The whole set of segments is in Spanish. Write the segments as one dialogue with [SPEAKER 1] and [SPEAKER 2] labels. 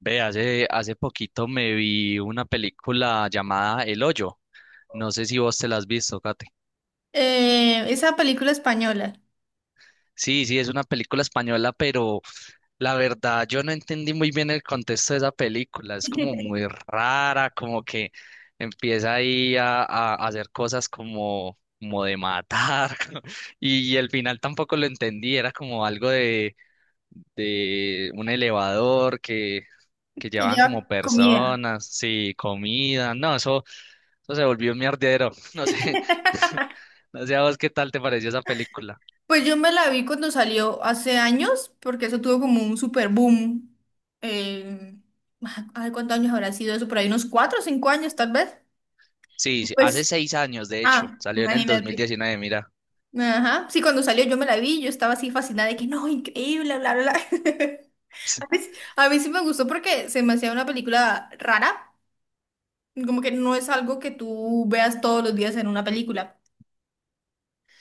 [SPEAKER 1] Ve, hace poquito me vi una película llamada El Hoyo. No sé si vos te la has visto, Kate.
[SPEAKER 2] Esa película española
[SPEAKER 1] Sí, sí, es una película española, pero la verdad yo no entendí muy bien el contexto de esa película. Es como muy rara, como que empieza ahí a hacer cosas como de matar. Y el final tampoco lo entendí, era como algo de un elevador que
[SPEAKER 2] que
[SPEAKER 1] llevaban como
[SPEAKER 2] lleva comida.
[SPEAKER 1] personas, sí, comida, no, eso se volvió un mierdero, no sé, no sé a vos qué tal te pareció esa película.
[SPEAKER 2] Pues yo me la vi cuando salió hace años, porque eso tuvo como un super boom. Eh, Ay, ¿cuántos años habrá sido eso? Por ahí unos 4 o 5 años tal vez.
[SPEAKER 1] Sí, sí, hace
[SPEAKER 2] Pues,
[SPEAKER 1] seis años, de hecho,
[SPEAKER 2] ah,
[SPEAKER 1] salió en el
[SPEAKER 2] imagínate.
[SPEAKER 1] 2019, mira.
[SPEAKER 2] Ajá. Sí, cuando salió yo me la vi, yo estaba así fascinada de que no, increíble, bla, bla, bla. A mí, sí- a mí sí me gustó porque se me hacía una película rara, como que no es algo que tú veas todos los días en una película.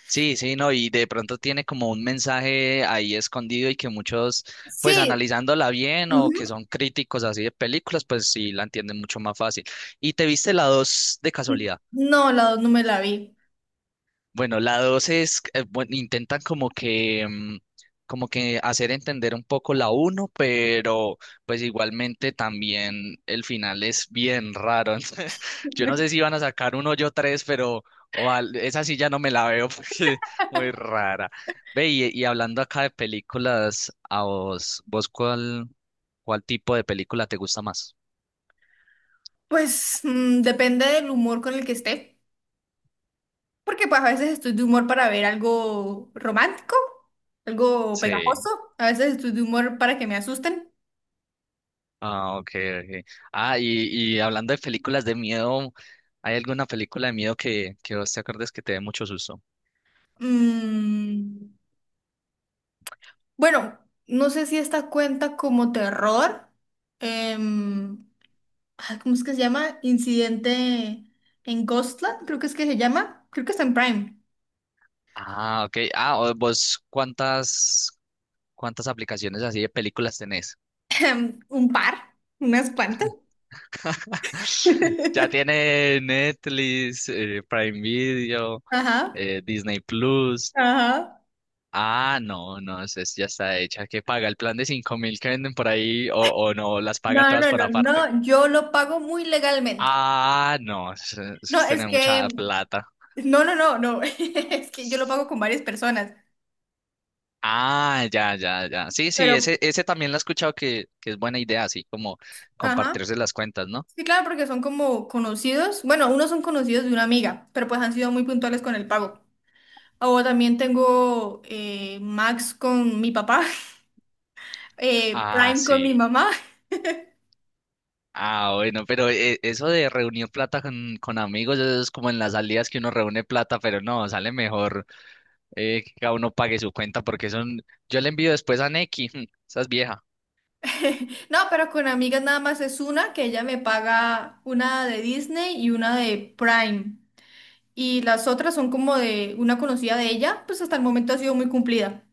[SPEAKER 1] Sí, sí, no, y de pronto tiene como un mensaje ahí escondido y que muchos, pues
[SPEAKER 2] Sí.
[SPEAKER 1] analizándola bien o que
[SPEAKER 2] Ujú.
[SPEAKER 1] son críticos así de películas, pues sí la entienden mucho más fácil. ¿Y te viste la dos de
[SPEAKER 2] N-
[SPEAKER 1] casualidad?
[SPEAKER 2] No, la dos no me la vi.
[SPEAKER 1] Bueno, la dos es, bueno, intentan como que, como que hacer entender un poco la uno, pero pues igualmente también el final es bien raro. Entonces, yo no sé si van a sacar un hoyo tres, pero esa sí ya no me la veo porque muy rara. Ve, y hablando acá de películas, a vos, ¿ cuál tipo de película te gusta más?
[SPEAKER 2] Pues depende del humor con el que esté, porque pues a veces estoy de humor para ver algo romántico, algo pegajoso,
[SPEAKER 1] Sí.
[SPEAKER 2] a veces estoy de humor para que me asusten.
[SPEAKER 1] Ah, ok, ok. Ah, y hablando de películas de miedo, ¿hay alguna película de miedo que vos te acuerdes que te dé mucho susto?
[SPEAKER 2] Mm, bueno, no sé si esta cuenta como terror. em, Ay, ¿cómo es que se llama? Incidente en Ghostland, creo que es que se llama, creo que está en Prime.
[SPEAKER 1] Ah, ok. Ah, vos, ¿ cuántas aplicaciones así de películas tenés?
[SPEAKER 2] Un par, unas cuantas.
[SPEAKER 1] Ya tiene Netflix, Prime Video,
[SPEAKER 2] Ajá,
[SPEAKER 1] Disney Plus.
[SPEAKER 2] ajá.
[SPEAKER 1] Ah, no, no, ya está hecha. ¿Qué paga? ¿El plan de 5 mil que venden por ahí o no? ¿Las paga
[SPEAKER 2] No,
[SPEAKER 1] todas
[SPEAKER 2] no,
[SPEAKER 1] por
[SPEAKER 2] no,
[SPEAKER 1] aparte?
[SPEAKER 2] no, yo lo pago muy legalmente.
[SPEAKER 1] Ah, no, eso
[SPEAKER 2] No,
[SPEAKER 1] es
[SPEAKER 2] es
[SPEAKER 1] tener mucha
[SPEAKER 2] que,
[SPEAKER 1] plata.
[SPEAKER 2] no, no, no, no, es que yo lo pago con varias personas,
[SPEAKER 1] Ah, ya, ya, ya. Sí, sí,
[SPEAKER 2] pero,
[SPEAKER 1] ese también lo he escuchado que es buena idea, así como
[SPEAKER 2] ajá,
[SPEAKER 1] compartirse las cuentas, ¿no?
[SPEAKER 2] sí, claro, porque son como conocidos, bueno, unos son conocidos de una amiga, pero pues han sido muy puntuales con el pago. O también tengo Max con mi papá,
[SPEAKER 1] Ah,
[SPEAKER 2] Prime con mi
[SPEAKER 1] sí.
[SPEAKER 2] mamá,
[SPEAKER 1] Ah, bueno, pero eso de reunir plata con amigos eso es como en las salidas que uno reúne plata, pero no, sale mejor que cada uno pague su cuenta porque son... Yo le envío después a Neki, esa es vieja.
[SPEAKER 2] no, pero con amigas nada más es una que ella me paga una de Disney y una de Prime. Y las otras son como de una conocida de ella, pues hasta el momento ha sido muy cumplida.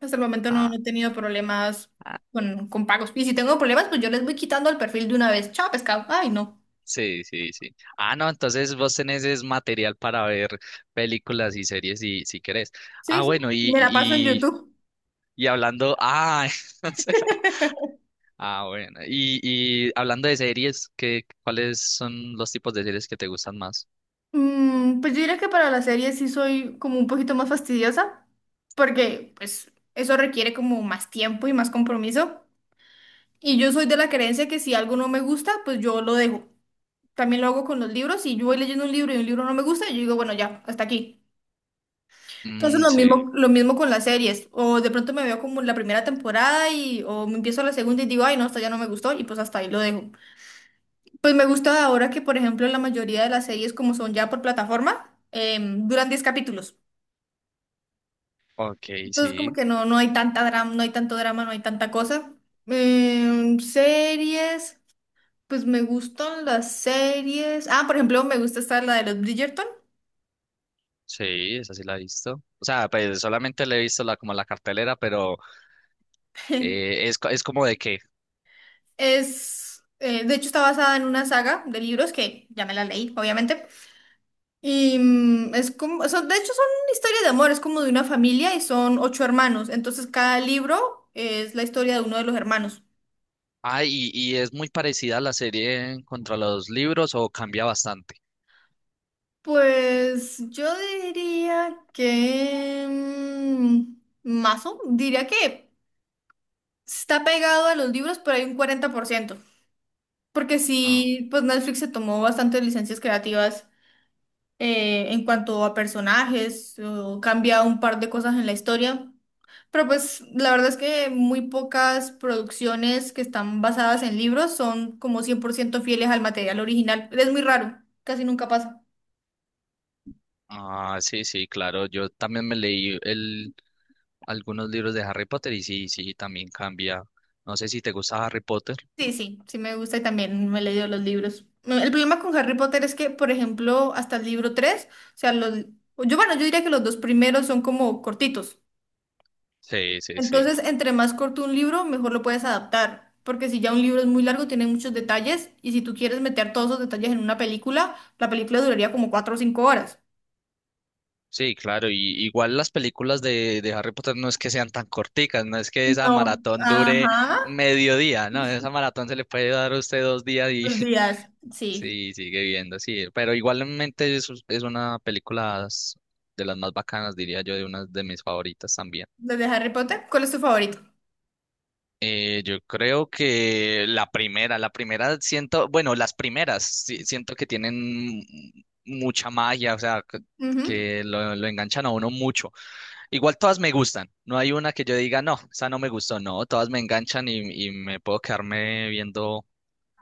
[SPEAKER 2] Hasta el momento no,
[SPEAKER 1] Ah,
[SPEAKER 2] no he tenido problemas
[SPEAKER 1] ah,
[SPEAKER 2] con pagos. Y si tengo problemas, pues yo les voy quitando el perfil de una vez. Chao, pescado. Ay, no.
[SPEAKER 1] sí, sí, sí. Ah, no, entonces vos tenés es material para ver películas y series si querés. Ah,
[SPEAKER 2] Sí, sí,
[SPEAKER 1] bueno, y,
[SPEAKER 2] me la paso en
[SPEAKER 1] y
[SPEAKER 2] YouTube.
[SPEAKER 1] Y hablando, entonces, ah, bueno. Y hablando de series, ¿ cuáles son los tipos de series que te gustan más?
[SPEAKER 2] Pues yo diría que para las series sí soy como un poquito más fastidiosa, porque pues eso requiere como más tiempo y más compromiso. Y yo soy de la creencia que si algo no me gusta, pues yo lo dejo. También lo hago con los libros. Si yo voy leyendo un libro y un libro no me gusta, yo digo, bueno, ya, hasta aquí. Entonces
[SPEAKER 1] Sí,
[SPEAKER 2] lo mismo con las series. O de pronto me veo como la primera temporada y o me empiezo la segunda y digo, ay, no, esta ya no me gustó y pues hasta ahí lo dejo. Pues me gusta ahora que, por ejemplo, la mayoría de las series como son ya por plataforma, duran 10 capítulos.
[SPEAKER 1] ok,
[SPEAKER 2] Entonces como
[SPEAKER 1] sí,
[SPEAKER 2] que no, no hay tanta drama, no hay tanto drama, no hay tanta cosa. Series, pues me gustan las series. Ah, por ejemplo, me gusta esta, la de los Bridgerton.
[SPEAKER 1] sí, esa sí la he visto. O sea, pues solamente le he visto la, como la cartelera, pero es como de que,
[SPEAKER 2] Es, de hecho, está basada en una saga de libros que ya me la leí, obviamente. Y es como, de hecho son una historia de amor, es como de una familia y son ocho hermanos. Entonces cada libro es la historia de uno de los hermanos.
[SPEAKER 1] y es muy parecida a la serie contra los libros o cambia bastante.
[SPEAKER 2] Pues yo diría que, Mazo, diría que está pegado a los libros, pero hay un 40%. Porque
[SPEAKER 1] Ah,
[SPEAKER 2] sí, pues Netflix se tomó bastantes licencias creativas en cuanto a personajes, o cambia un par de cosas en la historia. Pero pues la verdad es que muy pocas producciones que están basadas en libros son como 100% fieles al material original. Es muy raro, casi nunca pasa.
[SPEAKER 1] ah, sí, sí, claro, yo también me leí algunos libros de Harry Potter y sí, sí, también cambia. No sé si te gusta Harry Potter.
[SPEAKER 2] Sí, sí, sí me gusta y también me he leído los libros. El problema con Harry Potter es que, por ejemplo, hasta el libro tres, o sea, los, yo, bueno, yo diría que los dos primeros son como cortitos.
[SPEAKER 1] Sí, sí, sí.
[SPEAKER 2] Entonces, entre más corto un libro, mejor lo puedes adaptar, porque si ya un libro es muy largo, tiene muchos detalles y si tú quieres meter todos esos detalles en una película, la película duraría como 4 o 5 horas.
[SPEAKER 1] Sí, claro, y igual las películas de Harry Potter no es que sean tan corticas, no es que esa
[SPEAKER 2] No,
[SPEAKER 1] maratón dure
[SPEAKER 2] ajá,
[SPEAKER 1] mediodía, no, esa maratón se le puede dar a usted dos días y
[SPEAKER 2] los días. Sí,
[SPEAKER 1] sí, sigue viendo, sí, pero igualmente es una película de las más bacanas, diría yo, de una de mis favoritas también.
[SPEAKER 2] los. ¿De Harry Potter? ¿Cuál es tu favorito?
[SPEAKER 1] Yo creo que la primera siento, bueno, las primeras siento que tienen mucha magia, o sea,
[SPEAKER 2] Ujú.
[SPEAKER 1] que lo enganchan a uno mucho. Igual todas me gustan. No hay una que yo diga, no, esa no me gustó. No, todas me enganchan y me puedo quedarme viendo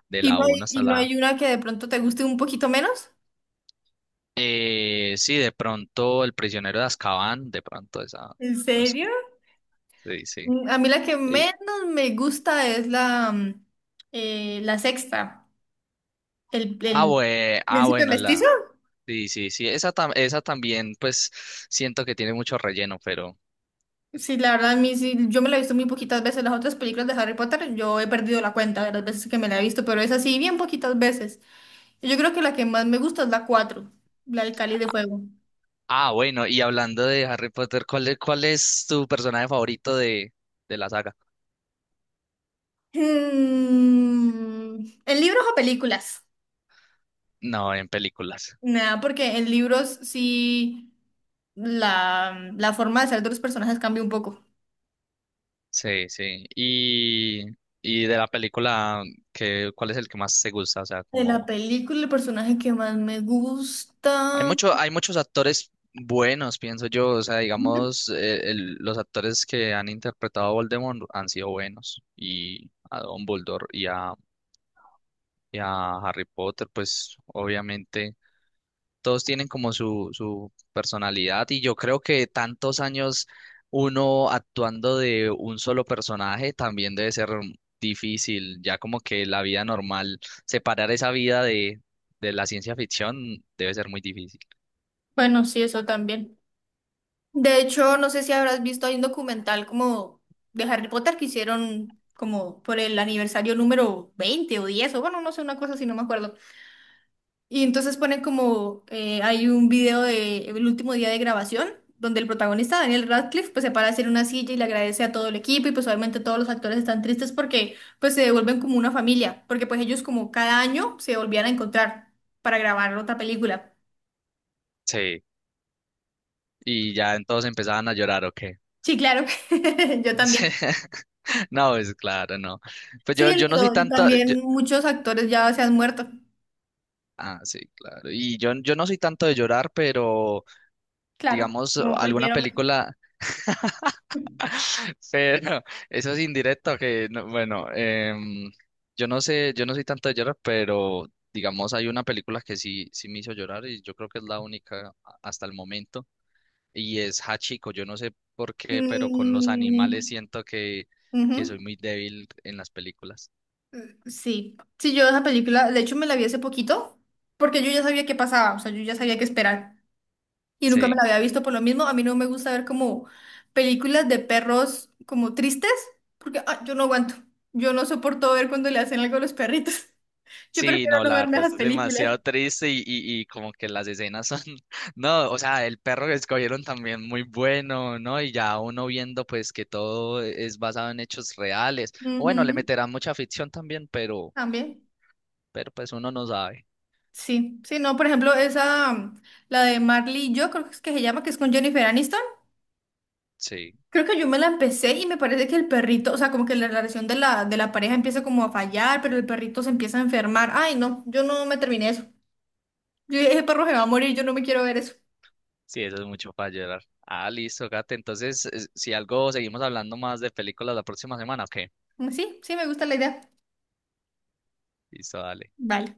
[SPEAKER 1] de la 1 hasta
[SPEAKER 2] Y no
[SPEAKER 1] la...
[SPEAKER 2] hay una que de pronto te guste un poquito menos?
[SPEAKER 1] Sí, de pronto El prisionero de Azkaban, de pronto esa...
[SPEAKER 2] ¿En
[SPEAKER 1] No es
[SPEAKER 2] serio?
[SPEAKER 1] que- sí, sí.
[SPEAKER 2] A mí la que
[SPEAKER 1] Y-
[SPEAKER 2] menos me gusta es la sexta. El,
[SPEAKER 1] ah,
[SPEAKER 2] el...
[SPEAKER 1] ah,
[SPEAKER 2] ¿Príncipe
[SPEAKER 1] bueno,
[SPEAKER 2] mestizo?
[SPEAKER 1] la... Sí, sí, sí. Esa, esa también, pues, siento que tiene mucho relleno, pero...
[SPEAKER 2] Sí, la verdad, a mí sí, yo me la he visto muy poquitas veces. Las otras películas de Harry Potter, yo he perdido la cuenta de las veces que me la he visto, pero es así, bien poquitas veces. Yo creo que la que más me gusta es la cuatro, la del Cáliz de Fuego.
[SPEAKER 1] Ah, bueno, y hablando de Harry Potter, ¿ cuál es tu personaje favorito de la saga?
[SPEAKER 2] ¿En libros o películas?
[SPEAKER 1] No, en películas.
[SPEAKER 2] Nada, porque en libros sí la forma de ser de los personajes cambia un poco.
[SPEAKER 1] Sí, sí. Y de la película, ¿ cuál es el que más te gusta? O sea,
[SPEAKER 2] De la
[SPEAKER 1] como
[SPEAKER 2] película, el personaje que más me
[SPEAKER 1] hay
[SPEAKER 2] gusta.
[SPEAKER 1] mucho, hay muchos actores buenos, pienso yo. O sea,
[SPEAKER 2] Ujú.
[SPEAKER 1] digamos, los actores que han interpretado a Voldemort han sido buenos. Y a Dumbledore y a Harry Potter, pues obviamente. Todos tienen como su personalidad y yo creo que tantos años uno actuando de un solo personaje también debe ser difícil, ya como que la vida normal, separar esa vida de la ciencia ficción debe ser muy difícil.
[SPEAKER 2] Bueno, sí, eso también. De hecho, no sé si habrás visto, hay un documental como de Harry Potter que hicieron como por el aniversario número 20 o 10 o, bueno, no sé, una cosa así, no me acuerdo. Y entonces ponen como, hay un video de el último día de grabación, donde el protagonista, Daniel Radcliffe, pues se para a hacer una silla y le agradece a todo el equipo y pues obviamente todos los actores están tristes porque pues se devuelven como una familia, porque pues ellos como cada año se volvían a encontrar para grabar otra película.
[SPEAKER 1] Sí, y ya entonces empezaban a llorar, ¿o qué?
[SPEAKER 2] Sí, claro, yo también.
[SPEAKER 1] Sí. No, es claro, no. Pues
[SPEAKER 2] Sí,
[SPEAKER 1] yo no soy
[SPEAKER 2] y
[SPEAKER 1] tanto...
[SPEAKER 2] también muchos actores ya se han muerto,
[SPEAKER 1] Ah, sí, claro. Y yo no soy tanto de llorar, pero
[SPEAKER 2] claro,
[SPEAKER 1] digamos,
[SPEAKER 2] como
[SPEAKER 1] alguna
[SPEAKER 2] cualquier hombre.
[SPEAKER 1] película, pero eso es indirecto que, bueno, yo no sé, yo no soy tanto de llorar, pero digamos hay una película que sí, sí me hizo llorar y yo creo que es la única hasta el momento y es Hachiko. Yo no sé por qué, pero con los animales
[SPEAKER 2] Mm,
[SPEAKER 1] siento
[SPEAKER 2] ujú.
[SPEAKER 1] que soy muy débil en las películas.
[SPEAKER 2] Sí, sí, yo esa película, de hecho me la vi hace poquito, porque yo ya sabía qué pasaba, o sea, yo ya sabía qué esperar. Y nunca me
[SPEAKER 1] Sí.
[SPEAKER 2] la había visto por lo mismo. A mí no me gusta ver como películas de perros como tristes, porque ah, yo no aguanto. Yo no soporto ver cuando le hacen algo a los perritos. Yo
[SPEAKER 1] Sí,
[SPEAKER 2] prefiero
[SPEAKER 1] no,
[SPEAKER 2] no
[SPEAKER 1] la
[SPEAKER 2] verme
[SPEAKER 1] verdad
[SPEAKER 2] esas
[SPEAKER 1] es
[SPEAKER 2] películas.
[SPEAKER 1] demasiado triste y como que las escenas son, no, o sea, el perro que escogieron también muy bueno, ¿no? Y ya uno viendo pues que todo es basado en hechos reales. O bueno, le
[SPEAKER 2] Ujú,
[SPEAKER 1] meterán mucha ficción también,
[SPEAKER 2] también.
[SPEAKER 1] pero pues uno no sabe.
[SPEAKER 2] Sí, sí, no, por ejemplo, esa, la de Marley y yo, creo que es que se llama, que es con Jennifer Aniston.
[SPEAKER 1] Sí,
[SPEAKER 2] Creo que yo me la empecé y me parece que el perrito, o sea, como que la relación de de la pareja empieza como a fallar, pero el perrito se empieza a enfermar. Ay, no, yo no me terminé eso. Yo dije, ese perro se va a morir, yo no me quiero ver eso.
[SPEAKER 1] sí, eso es mucho para llorar. Ah, listo, Gate. Entonces, si algo, seguimos hablando más de películas la próxima semana, ¿o qué?
[SPEAKER 2] Sí, sí, me gusta la idea.
[SPEAKER 1] Listo, dale.
[SPEAKER 2] Vale.